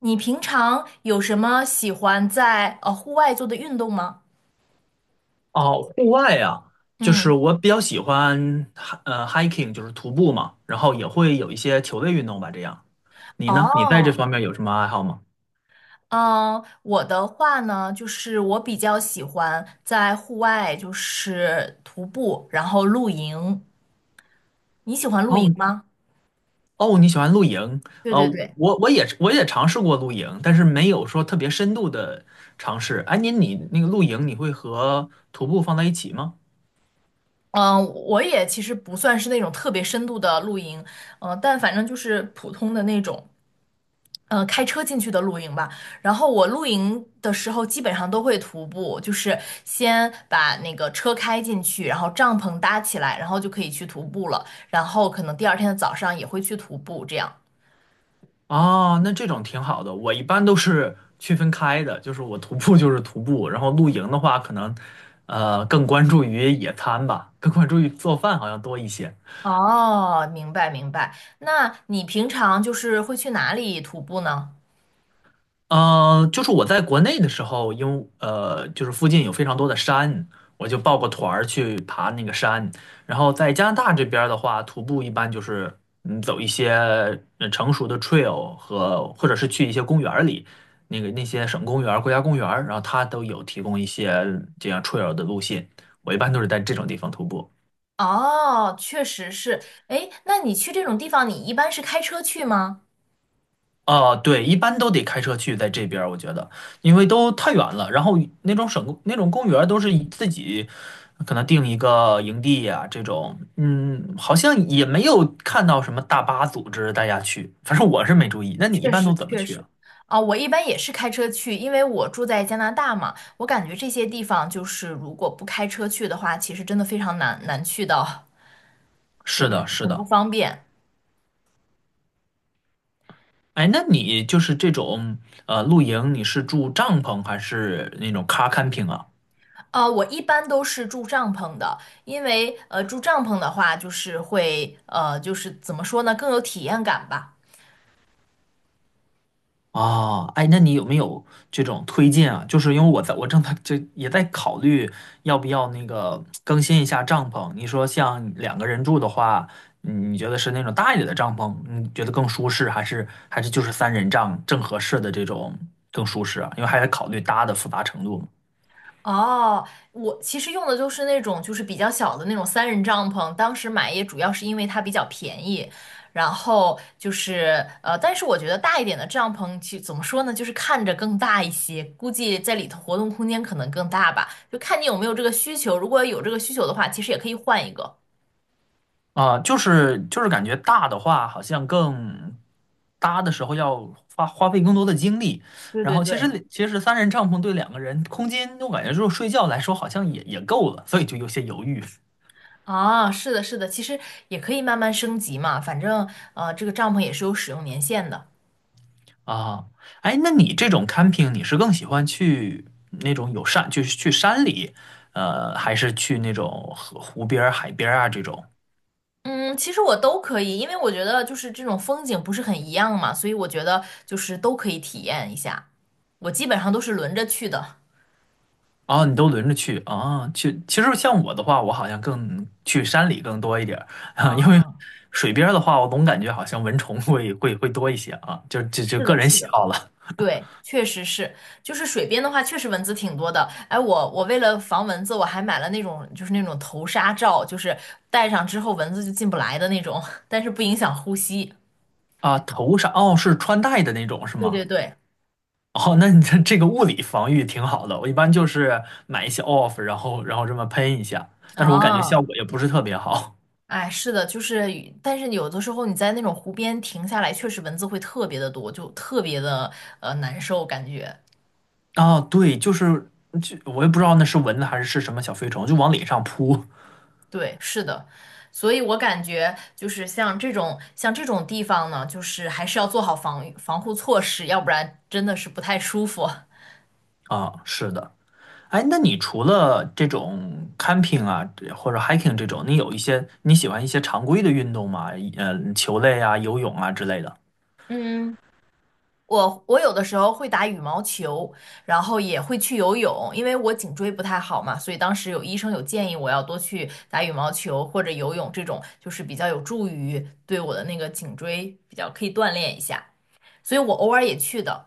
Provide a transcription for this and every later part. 你平常有什么喜欢在户外做的运动吗？哦，户外啊，就是嗯。我比较喜欢，hiking，就是徒步嘛，然后也会有一些球类运动吧，这样。你呢？你在这哦，方面有什么爱好吗？嗯，我的话呢，就是我比较喜欢在户外，就是徒步，然后露营。你喜欢露哦营吗？哦，你喜欢露营？对呃，对对。我也尝试过露营，但是没有说特别深度的尝试。哎，你那个露营，你会和徒步放在一起吗？嗯，我也其实不算是那种特别深度的露营，嗯，但反正就是普通的那种。开车进去的露营吧。然后我露营的时候基本上都会徒步，就是先把那个车开进去，然后帐篷搭起来，然后就可以去徒步了。然后可能第二天的早上也会去徒步，这样。哦，那这种挺好的。我一般都是区分开的，就是我徒步就是徒步，然后露营的话，可能更关注于野餐吧，更关注于做饭好像多一些。哦，明白明白。那你平常就是会去哪里徒步呢？呃，就是我在国内的时候，因为就是附近有非常多的山，我就报个团儿去爬那个山。然后在加拿大这边儿的话，徒步一般就是嗯走一些成熟的 trail 和或者是去一些公园儿里，那些省公园儿国家公园儿然后它都有提供一些这样 trail 的路线。我一般都是在这种地方徒步。哦，确实是。诶，那你去这种地方，你一般是开车去吗？啊，对，一般都得开车去，在这边儿我觉得，因为都太远了。然后那种省那种公园儿都是以自己可能定一个营地呀、这种，嗯，好像也没有看到什么大巴组织大家去，反正我是没注意。那你一确般都实怎么确去实。啊？啊、我一般也是开车去，因为我住在加拿大嘛，我感觉这些地方就是如果不开车去的话，其实真的非常难去到，就是是的，是很不的。方便。哎，那你就是这种露营，你是住帐篷还是那种 car camping 啊？啊、我一般都是住帐篷的，因为住帐篷的话，就是会就是怎么说呢，更有体验感吧。哦，哎，那你有没有这种推荐啊？就是因为我在我正在就也在考虑要不要那个更新一下帐篷。你说像两个人住的话，嗯你觉得是那种大一点的帐篷，你觉得更舒适，还是就是三人帐正合适的这种更舒适啊？因为还得考虑搭的复杂程度嘛。哦，我其实用的就是那种就是比较小的那种三人帐篷，当时买也主要是因为它比较便宜，然后就是但是我觉得大一点的帐篷其怎么说呢，就是看着更大一些，估计在里头活动空间可能更大吧，就看你有没有这个需求，如果有这个需求的话，其实也可以换一个。啊，就是感觉大的话，好像更搭的时候要花费更多的精力。对然对后其实对。其实三人帐篷对两个人空间，我感觉就是睡觉来说好像也也够了，所以就有些犹豫啊，是的，是的，其实也可以慢慢升级嘛，反正这个帐篷也是有使用年限的。啊。哎，那你这种 camping，你是更喜欢去那种有山，就是去山里，呃，还是去那种河湖边儿海边儿啊这种？嗯，其实我都可以，因为我觉得就是这种风景不是很一样嘛，所以我觉得就是都可以体验一下。我基本上都是轮着去的。啊，你都轮着去啊？去，其实像我的话，我好像更去山里更多一点儿 啊，因为啊，水边儿的话，我总感觉好像蚊虫会多一些啊，就是个的，人是喜的。好了对，确实是，就是水边的话，确实蚊子挺多的。哎，我为了防蚊子，我还买了那种就是那种头纱罩，就是戴上之后蚊子就进不来的那种，但是不影响呼吸。啊。头上哦，是穿戴的那种是对吗？对对。哦，那你这个物理防御挺好的，我一般就是买一些 off，然后这么喷一下，但是我感觉效啊，果也不是特别好。哎，是的，就是，但是有的时候你在那种湖边停下来，确实蚊子会特别的多，就特别的难受，感觉。啊，对，就是就我也不知道那是蚊子还是是什么小飞虫，就往脸上扑对，是的，所以我感觉就是像这种地方呢，就是还是要做好防御防护措施，要不然真的是不太舒服。啊，是的。哎，那你除了这种 camping 啊，或者 hiking 这种，你有一些你喜欢一些常规的运动吗？呃，球类啊、游泳啊之类的。嗯，我有的时候会打羽毛球，然后也会去游泳，因为我颈椎不太好嘛，所以当时有医生有建议我要多去打羽毛球或者游泳这种，就是比较有助于对我的那个颈椎比较可以锻炼一下，所以我偶尔也去的。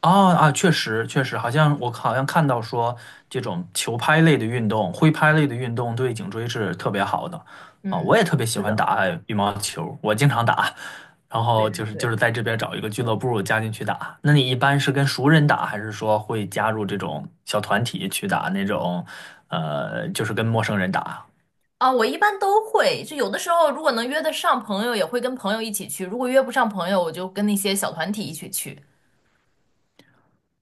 啊啊，确实确实，好像我好像看到说，这种球拍类的运动、挥拍类的运动对颈椎是特别好的啊。我嗯，也特别喜是欢的，打羽毛球，我经常打，然对后对就是就对。是在这边找一个俱乐部加进去打。那你一般是跟熟人打，还是说会加入这种小团体去打那种，呃，就是跟陌生人打？啊，我一般都会，就有的时候如果能约得上朋友，也会跟朋友一起去；如果约不上朋友，我就跟那些小团体一起去。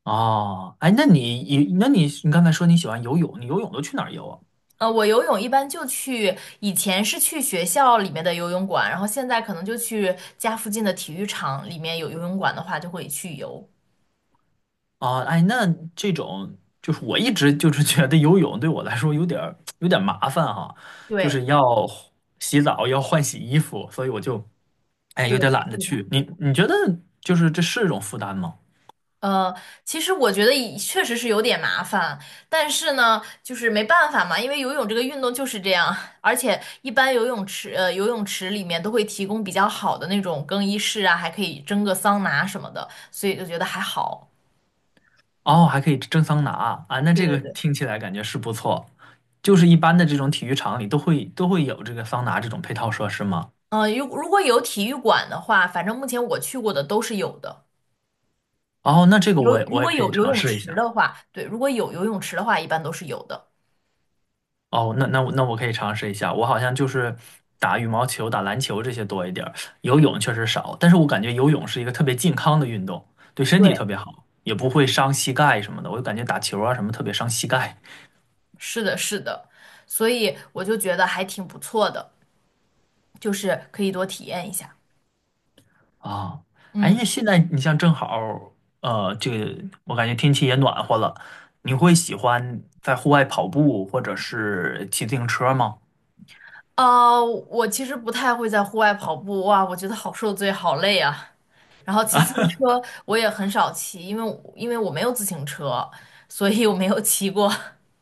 哦，哎，那你刚才说你喜欢游泳，你游泳都去哪儿游啊？我游泳一般就去，以前是去学校里面的游泳馆，然后现在可能就去家附近的体育场里面有游泳馆的话，就会去游。啊，哎，那这种就是我一直就是觉得游泳对我来说有点儿有点麻烦哈，就对是要洗澡，要换洗衣服，所以我就哎对，有点懒得是的。去。你你觉得就是这是一种负担吗？呃，其实我觉得也确实是有点麻烦，但是呢，就是没办法嘛，因为游泳这个运动就是这样，而且一般游泳池，游泳池里面都会提供比较好的那种更衣室啊，还可以蒸个桑拿什么的，所以就觉得还好。哦，还可以蒸桑拿啊，那对这对个对。听起来感觉是不错。就是一般的这种体育场里都会有这个桑拿这种配套设施吗？嗯，如如果有体育馆的话，反正目前我去过的都是有的。哦，那这个有，我也如我也果可以有游尝泳试一池的下。话，对，如果有游泳池的话，一般都是有的。哦，那我我可以尝试一下。我好像就是打羽毛球、打篮球这些多一点儿，游泳确实少。但是我感觉游泳是一个特别健康的运动，对身体对，特别好，也不会伤膝盖什么的。我就感觉打球啊什么特别伤膝盖是的，是的，所以我就觉得还挺不错的，就是可以多体验一下。啊。哎呀，嗯，现在你像正好，呃，这个我感觉天气也暖和了，你会喜欢在户外跑步或者是骑自行车吗？我其实不太会在户外跑步，哇，我觉得好受罪，好累啊。然后骑自行车我也很少骑，因为我没有自行车，所以我没有骑过。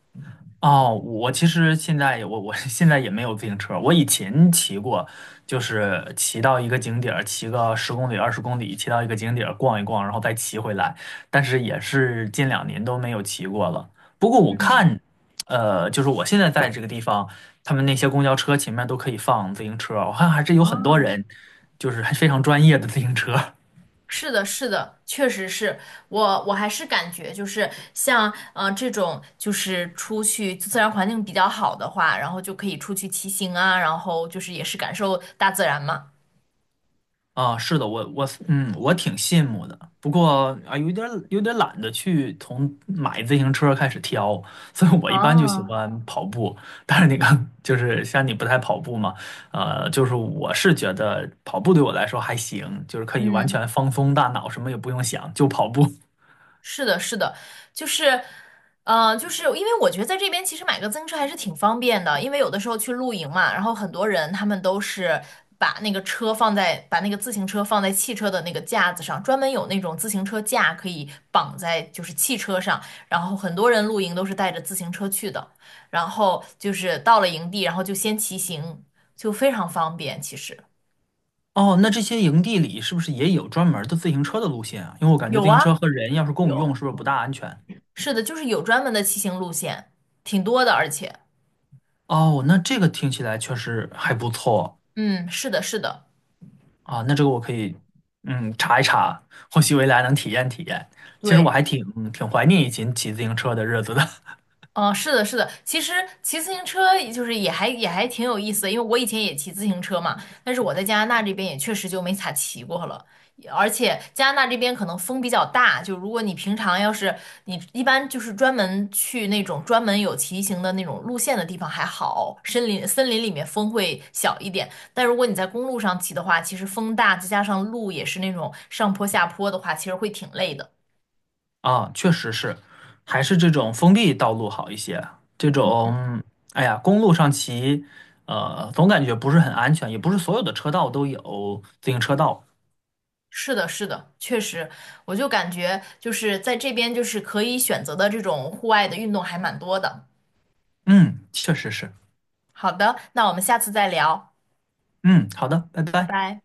哦，我其实现在我 现在也没有自行车，我以前骑过，就是骑到一个景点儿，骑个十公里、20公里，骑到一个景点儿逛一逛，然后再骑回来，但是也是近2年都没有骑过了。不过我嗯。看，呃，就是我现在在这个地方，他们那些公交车前面都可以放自行车，我看还是有很多哦，人，就是还非常专业的自行车。是的，是的，确实是我，我还是感觉就是像，这种就是出去自然环境比较好的话，然后就可以出去骑行啊，然后就是也是感受大自然嘛。啊，是的，我我嗯，我挺羡慕的。不过啊，有点懒得去从买自行车开始挑，所以我一般就喜啊，欢跑步。但是你看，就是像你不太跑步嘛，呃，就是我是觉得跑步对我来说还行，就是可以完嗯。全放松大脑，什么也不用想，就跑步。是的，是的，就是，就是因为我觉得在这边其实买个自行车还是挺方便的，因为有的时候去露营嘛，然后很多人他们都是把那个车放在，把那个自行车放在汽车的那个架子上，专门有那种自行车架可以绑在就是汽车上，然后很多人露营都是带着自行车去的，然后就是到了营地，然后就先骑行，就非常方便，其实哦，那这些营地里是不是也有专门儿的自行车的路线啊？因为我感觉有自行车啊，和人要是共用，有，是不是不大安全？是的，就是有专门的骑行路线，挺多的，而且。哦，那这个听起来确实还不错。嗯，是的，是的，啊，那这个我可以，嗯，查一查，或许未来能体验体验。其实我对，还挺怀念以前骑自行车的日子的 是的，是的。其实骑自行车也就是也还挺有意思的，因为我以前也骑自行车嘛，但是我在加拿大这边也确实就没咋骑过了。而且加拿大这边可能风比较大，就如果你平常要是你一般就是专门去那种专门有骑行的那种路线的地方还好，森林里面风会小一点，但如果你在公路上骑的话，其实风大，再加上路也是那种上坡下坡的话，其实会挺累的。啊，确实是，还是这种封闭道路好一些。这种，哎呀，公路上骑，呃，总感觉不是很安全，也不是所有的车道都有自行车道。是的，是的，确实，我就感觉就是在这边就是可以选择的这种户外的运动还蛮多的。嗯，确实是。好的，那我们下次再聊，嗯，好的，拜拜拜。拜。